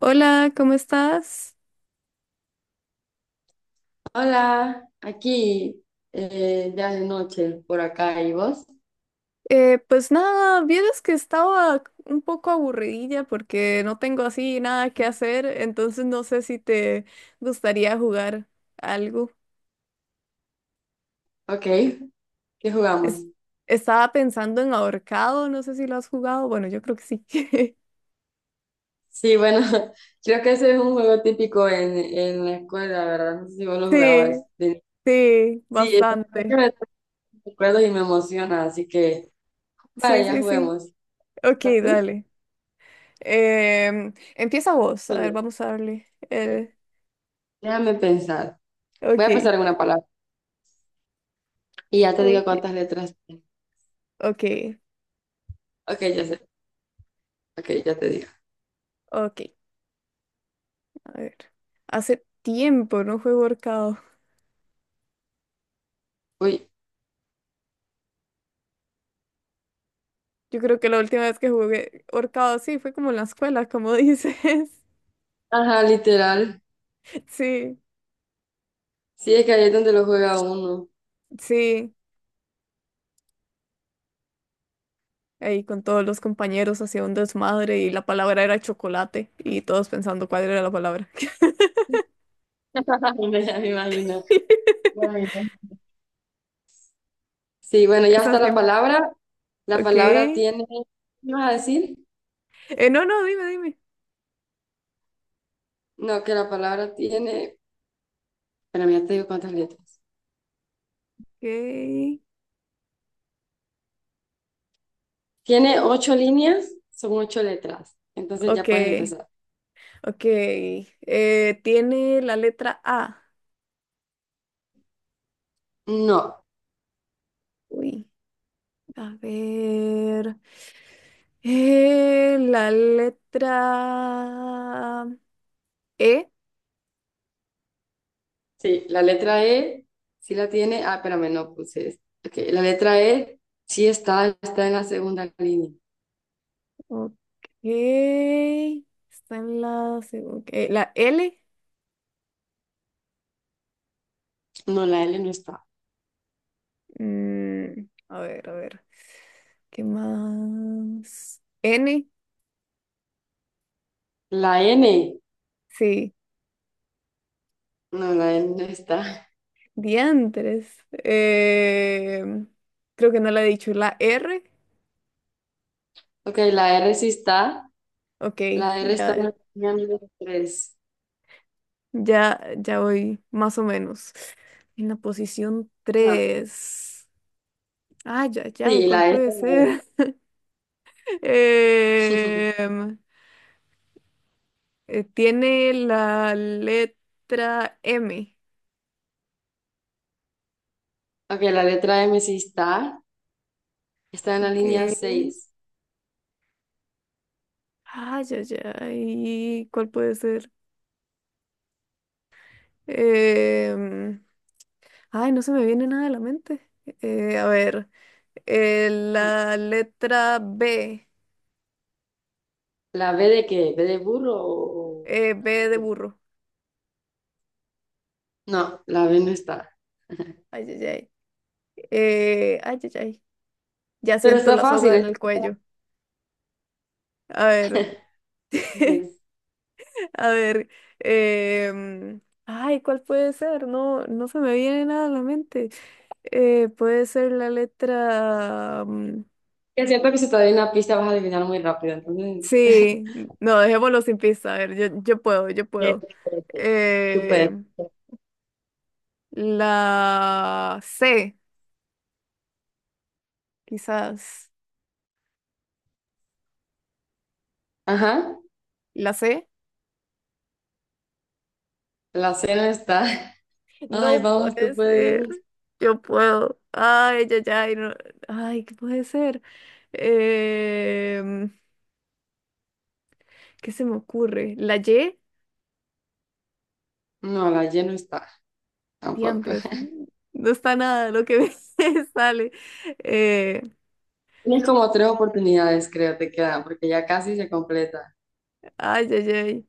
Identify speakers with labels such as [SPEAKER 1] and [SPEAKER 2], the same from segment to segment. [SPEAKER 1] Hola, ¿cómo estás?
[SPEAKER 2] Hola, aquí ya de noche por acá y vos.
[SPEAKER 1] Pues nada, vieras que estaba un poco aburridilla porque no tengo así nada que hacer, entonces no sé si te gustaría jugar algo.
[SPEAKER 2] Ok, ¿qué jugamos?
[SPEAKER 1] Es- Estaba pensando en ahorcado, no sé si lo has jugado, bueno, yo creo que sí.
[SPEAKER 2] Sí, bueno, creo que ese es un juego típico en la escuela, ¿verdad? No sé si vos lo jugabas.
[SPEAKER 1] Sí, sí,
[SPEAKER 2] Sí, es la verdad que
[SPEAKER 1] bastante.
[SPEAKER 2] me trae recuerdos y me emociona, así que
[SPEAKER 1] Sí,
[SPEAKER 2] vale, ya
[SPEAKER 1] sí, sí.
[SPEAKER 2] juguemos.
[SPEAKER 1] Ok,
[SPEAKER 2] ¿Estás tú?
[SPEAKER 1] dale. Empieza vos, a
[SPEAKER 2] Soy
[SPEAKER 1] ver,
[SPEAKER 2] yo.
[SPEAKER 1] vamos a darle.
[SPEAKER 2] Ok, déjame pensar. Voy a
[SPEAKER 1] Ok,
[SPEAKER 2] pensar en una palabra y ya te digo
[SPEAKER 1] ok,
[SPEAKER 2] cuántas letras tiene.
[SPEAKER 1] ok,
[SPEAKER 2] Ok, ya sé. Ok, ya te digo.
[SPEAKER 1] ok. A ver, hace tiempo no juego ahorcado.
[SPEAKER 2] Uy.
[SPEAKER 1] Yo creo que la última vez que jugué ahorcado, sí, fue como en la escuela, como dices.
[SPEAKER 2] Ajá, literal.
[SPEAKER 1] Sí,
[SPEAKER 2] Sí, es que ahí es donde lo juega uno.
[SPEAKER 1] sí. Ahí con todos los compañeros hacía un desmadre y la palabra era chocolate y todos pensando cuál era la palabra.
[SPEAKER 2] Ya me imagino. Bueno. Sí, bueno, ya
[SPEAKER 1] Esa
[SPEAKER 2] está la
[SPEAKER 1] siempre.
[SPEAKER 2] palabra. La
[SPEAKER 1] Ok.
[SPEAKER 2] palabra tiene, ¿qué vas a decir?
[SPEAKER 1] No, no, dime, dime.
[SPEAKER 2] No, que la palabra tiene, pero ya te digo cuántas letras. Tiene ocho líneas, son ocho letras.
[SPEAKER 1] Ok.
[SPEAKER 2] Entonces
[SPEAKER 1] Ok.
[SPEAKER 2] ya puedes empezar.
[SPEAKER 1] Ok. Tiene la letra A.
[SPEAKER 2] No,
[SPEAKER 1] Uy. A ver. La letra E.
[SPEAKER 2] sí, la letra E sí la tiene. Ah, espérame, no puse esto. Ok, la letra E sí está, está en la segunda línea.
[SPEAKER 1] Ok. Está en la, la L.
[SPEAKER 2] No, la L no está.
[SPEAKER 1] Mm, a ver, a ver. ¿Qué más? N.
[SPEAKER 2] La N,
[SPEAKER 1] Sí.
[SPEAKER 2] no, la N no está.
[SPEAKER 1] Diantres. Creo que no la he dicho. La R.
[SPEAKER 2] Ok, la R sí está.
[SPEAKER 1] Ok.
[SPEAKER 2] La R está en
[SPEAKER 1] Ya,
[SPEAKER 2] la línea número tres.
[SPEAKER 1] ya, ya voy más o menos. En la posición
[SPEAKER 2] Ah,
[SPEAKER 1] tres. Ay, ya, ya,
[SPEAKER 2] sí,
[SPEAKER 1] ¿cuál
[SPEAKER 2] la E.
[SPEAKER 1] puede ser? Em, Tiene la letra M.
[SPEAKER 2] Ok, la letra M sí está. Está en la línea
[SPEAKER 1] Ok.
[SPEAKER 2] seis
[SPEAKER 1] Ay, ya, ya, ¿y cuál puede ser? Em, Ay, no se me viene nada a la mente. A ver, la letra B.
[SPEAKER 2] ¿La B de qué? ¿B de burro o la
[SPEAKER 1] B de
[SPEAKER 2] V?
[SPEAKER 1] burro.
[SPEAKER 2] No, la B no está.
[SPEAKER 1] Ay, ay, ay. Ay, ay, ay. Ya
[SPEAKER 2] Pero
[SPEAKER 1] siento
[SPEAKER 2] está
[SPEAKER 1] la soga
[SPEAKER 2] fácil.
[SPEAKER 1] en
[SPEAKER 2] Es
[SPEAKER 1] el cuello. A ver.
[SPEAKER 2] fácil.
[SPEAKER 1] A ver, ay, ¿cuál puede ser? No, no se me viene nada a la mente. Puede ser la letra...
[SPEAKER 2] Es cierto que si te doy una pista vas a adivinar muy rápido. Entonces,
[SPEAKER 1] sí, no, dejémoslo sin pista. A ver, yo puedo, yo puedo.
[SPEAKER 2] espérate. Tú
[SPEAKER 1] Eh,
[SPEAKER 2] puedes.
[SPEAKER 1] la C, quizás.
[SPEAKER 2] Ajá,
[SPEAKER 1] ¿La C?
[SPEAKER 2] la C no está. Ay,
[SPEAKER 1] No
[SPEAKER 2] vamos,
[SPEAKER 1] puede
[SPEAKER 2] tú
[SPEAKER 1] ser.
[SPEAKER 2] puedes.
[SPEAKER 1] Yo puedo. Ay, ya, ya. Ay, ¿qué puede ser? Em, ¿Qué se me ocurre? ¿La Y?
[SPEAKER 2] No, la Y no está tampoco.
[SPEAKER 1] Diantres, no está nada lo que me sale. Eh,
[SPEAKER 2] Tienes como tres oportunidades, creo, te quedan, porque ya casi se completa.
[SPEAKER 1] Ay, ay, ay.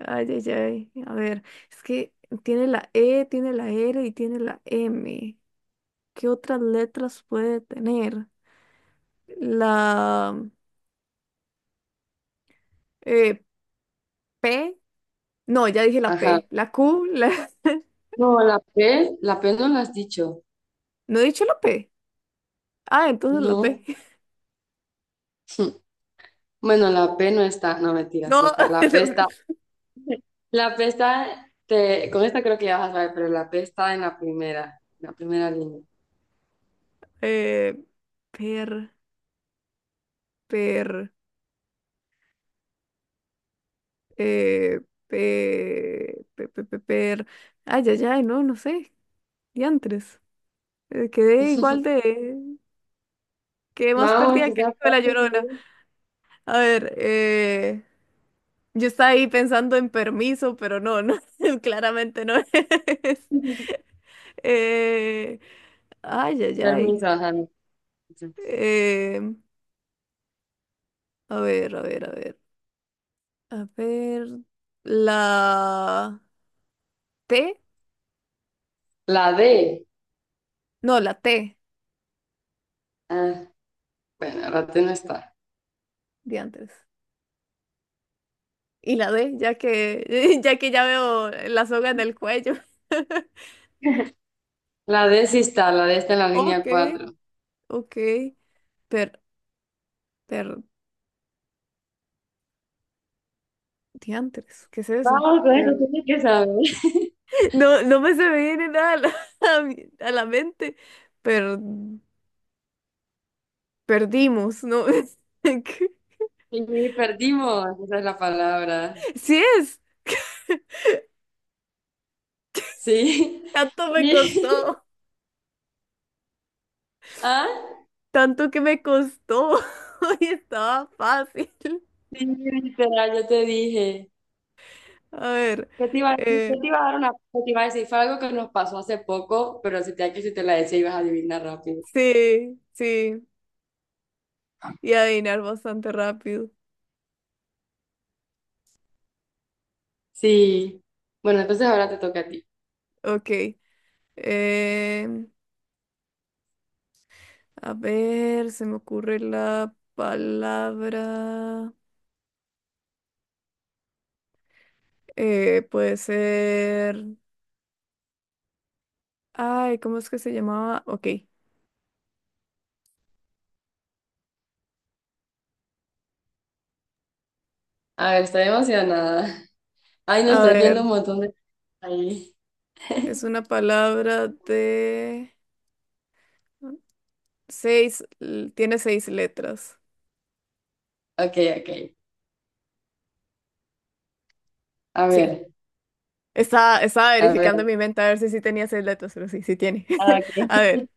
[SPEAKER 1] Ay, ay, ay. A ver, es que tiene la E, tiene la R y tiene la M. ¿Qué otras letras puede tener? La eh, P. No, ya dije la
[SPEAKER 2] Ajá.
[SPEAKER 1] P. La Q. La...
[SPEAKER 2] No, la P no la has dicho.
[SPEAKER 1] No he dicho la P. Ah, entonces la P.
[SPEAKER 2] No. Bueno, la P no está, no mentira,
[SPEAKER 1] No.
[SPEAKER 2] sí está.
[SPEAKER 1] la
[SPEAKER 2] La P
[SPEAKER 1] P.
[SPEAKER 2] está, la P está, con esta creo que ya vas a saber, pero la P está en la primera línea.
[SPEAKER 1] Eh, Per, per. Eh, pe, pe, pe, pe- per- Ay, ay, ay, no, no sé. Diantres. Quedé igual de... Quedé más
[SPEAKER 2] Vamos,
[SPEAKER 1] perdida que el
[SPEAKER 2] quizás
[SPEAKER 1] hijo de la
[SPEAKER 2] pase.
[SPEAKER 1] Llorona. A ver, Yo estaba ahí pensando en permiso, pero no, no, claramente no es. Eh, Ay, ay, ay.
[SPEAKER 2] Permiso, ajá, no.
[SPEAKER 1] Eh, a ver, a ver, a ver. A ver. La T.
[SPEAKER 2] La D.
[SPEAKER 1] No, la T
[SPEAKER 2] Ah, bueno, ahora tú no está.
[SPEAKER 1] de antes. Y la D, ya que, ya que ya veo la soga en el cuello.
[SPEAKER 2] La D sí está, la D está en la
[SPEAKER 1] Ok,
[SPEAKER 2] línea cuatro
[SPEAKER 1] ok. Per, per, diantres, ¿qué es eso?
[SPEAKER 2] Vamos, con esto
[SPEAKER 1] Per-
[SPEAKER 2] tienes que saber.
[SPEAKER 1] No, no me se me viene nada a la, a la mente. Per, Perdimos, ¿no? ¿Qué?
[SPEAKER 2] Y perdimos, esa es la palabra.
[SPEAKER 1] Sí es.
[SPEAKER 2] Sí.
[SPEAKER 1] Tanto me
[SPEAKER 2] Mi-
[SPEAKER 1] costó.
[SPEAKER 2] Ah,
[SPEAKER 1] Tanto que me costó. Y estaba fácil.
[SPEAKER 2] sí, literal, yo te dije.
[SPEAKER 1] A ver.
[SPEAKER 2] ¿Qué te iba a decir?
[SPEAKER 1] eh,
[SPEAKER 2] ¿Qué te iba a dar una, qué te iba a decir? Fue algo que nos pasó hace poco, pero que si te la decía ibas a adivinar rápido.
[SPEAKER 1] sí, sí. Y adivinar bastante rápido.
[SPEAKER 2] Sí. Bueno, entonces ahora te toca a ti.
[SPEAKER 1] Ok. eh a ver, se me ocurre la palabra. Puede ser. Ay, ¿cómo es que se llamaba? Ok.
[SPEAKER 2] A ver, estoy emocionada. Ay, no,
[SPEAKER 1] A
[SPEAKER 2] estoy viendo
[SPEAKER 1] ver,
[SPEAKER 2] un montón de... Ahí.
[SPEAKER 1] es una palabra de tiene seis letras.
[SPEAKER 2] Ok, ok. A
[SPEAKER 1] Sí.
[SPEAKER 2] ver,
[SPEAKER 1] Estaba, estaba
[SPEAKER 2] a
[SPEAKER 1] verificando en
[SPEAKER 2] ver.
[SPEAKER 1] mi mente a ver si sí tenía seis letras, pero sí, sí tiene.
[SPEAKER 2] Ah, ok.
[SPEAKER 1] A ver,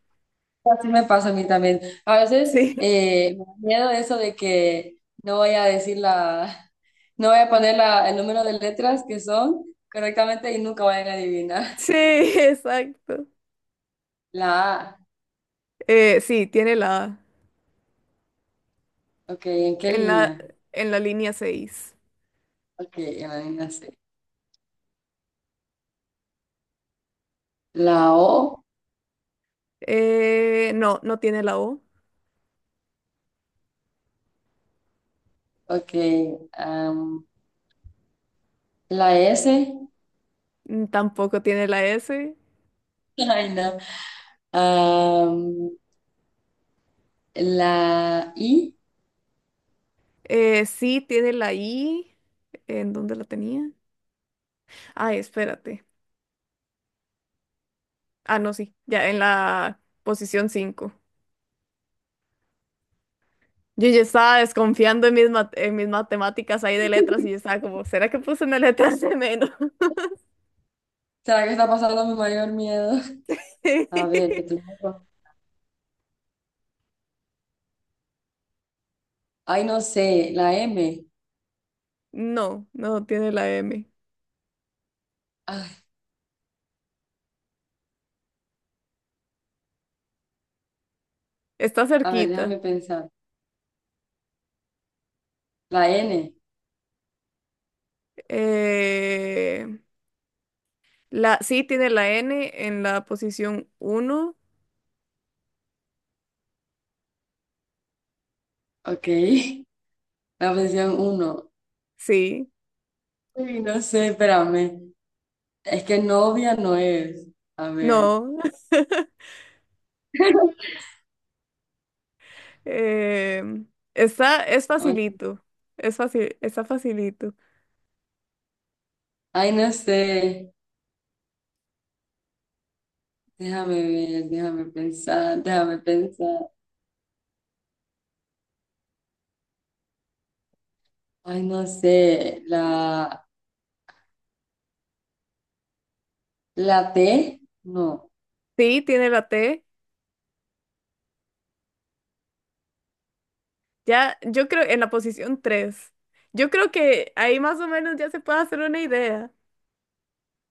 [SPEAKER 2] Así me pasa a mí también. A veces
[SPEAKER 1] sí.
[SPEAKER 2] eh, me da miedo eso de que no voy a decir la. No voy a poner el número de letras que son correctamente y nunca vayan a adivinar.
[SPEAKER 1] Sí, exacto.
[SPEAKER 2] La A,
[SPEAKER 1] Sí, tiene la A
[SPEAKER 2] ok, ¿en qué
[SPEAKER 1] en la,
[SPEAKER 2] línea?
[SPEAKER 1] en la línea seis.
[SPEAKER 2] Ok, en la línea C. La O,
[SPEAKER 1] No, no tiene la O,
[SPEAKER 2] ok, am, la S,
[SPEAKER 1] mm, tampoco tiene la S.
[SPEAKER 2] ay no, am, la I,
[SPEAKER 1] Sí tiene la I. ¿En dónde la tenía? Ay, espérate. Ah, no, sí, ya en la posición 5. Yo ya estaba desconfiando en mis, en mis matemáticas ahí de letras y yo estaba como, ¿será que puse una letra de menos?
[SPEAKER 2] ¿Será que está pasando mi mayor miedo?
[SPEAKER 1] Sí.
[SPEAKER 2] A ver, que tú... Ay, no sé, la M,
[SPEAKER 1] No, no tiene la M.
[SPEAKER 2] ay,
[SPEAKER 1] Está
[SPEAKER 2] a ver,
[SPEAKER 1] cerquita.
[SPEAKER 2] déjame pensar. La N,
[SPEAKER 1] Eh, sí tiene la N en la posición uno.
[SPEAKER 2] ok, la posición uno.
[SPEAKER 1] Sí.
[SPEAKER 2] Uy, no sé, espérame. Es que novia no es. A ver.
[SPEAKER 1] No. Em, Está, es
[SPEAKER 2] no-
[SPEAKER 1] facilito. Es fácil, está facilito.
[SPEAKER 2] Ay, no sé. Déjame ver, déjame pensar, déjame pensar. Ay, no sé. La T, no.
[SPEAKER 1] Sí, tiene la T. Ya, yo creo, en la posición tres. Yo creo que ahí más o menos ya se puede hacer una idea.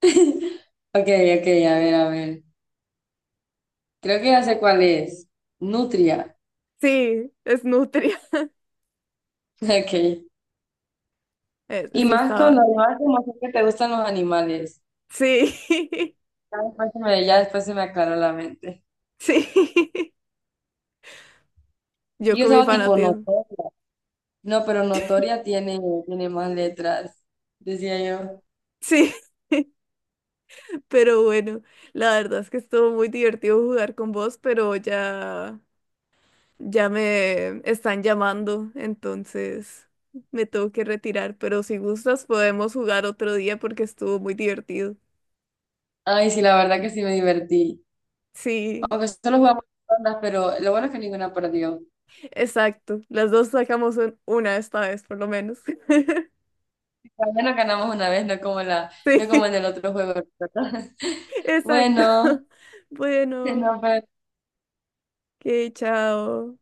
[SPEAKER 2] Ok, ok, a ver, a ver. Creo que ya sé cuál es. Nutria.
[SPEAKER 1] Sí, es nutria.
[SPEAKER 2] Ok. Y
[SPEAKER 1] Sí,
[SPEAKER 2] más
[SPEAKER 1] estaba.
[SPEAKER 2] cuando más como sé que te gustan los animales.
[SPEAKER 1] Sí,
[SPEAKER 2] Ya después se me aclaró la mente.
[SPEAKER 1] sí. Yo
[SPEAKER 2] Y yo
[SPEAKER 1] con mi
[SPEAKER 2] estaba tipo
[SPEAKER 1] fanatismo.
[SPEAKER 2] notoria. No, pero notoria tiene más letras, decía yo.
[SPEAKER 1] Sí, pero bueno, la verdad es que estuvo muy divertido jugar con vos, pero ya. Ya me están llamando, entonces me tengo que retirar, pero si gustas podemos jugar otro día porque estuvo muy divertido.
[SPEAKER 2] Ay, sí, la verdad que sí me divertí.
[SPEAKER 1] Sí,
[SPEAKER 2] Aunque solo jugamos dos rondas, pero lo bueno es que ninguna perdió.
[SPEAKER 1] exacto. Las dos sacamos una esta vez, por lo menos.
[SPEAKER 2] Al menos ganamos una vez, no como
[SPEAKER 1] Sí,
[SPEAKER 2] en el otro juego. ¿Verdad?
[SPEAKER 1] exacto.
[SPEAKER 2] Bueno,
[SPEAKER 1] Bueno,
[SPEAKER 2] no, pero
[SPEAKER 1] que chao.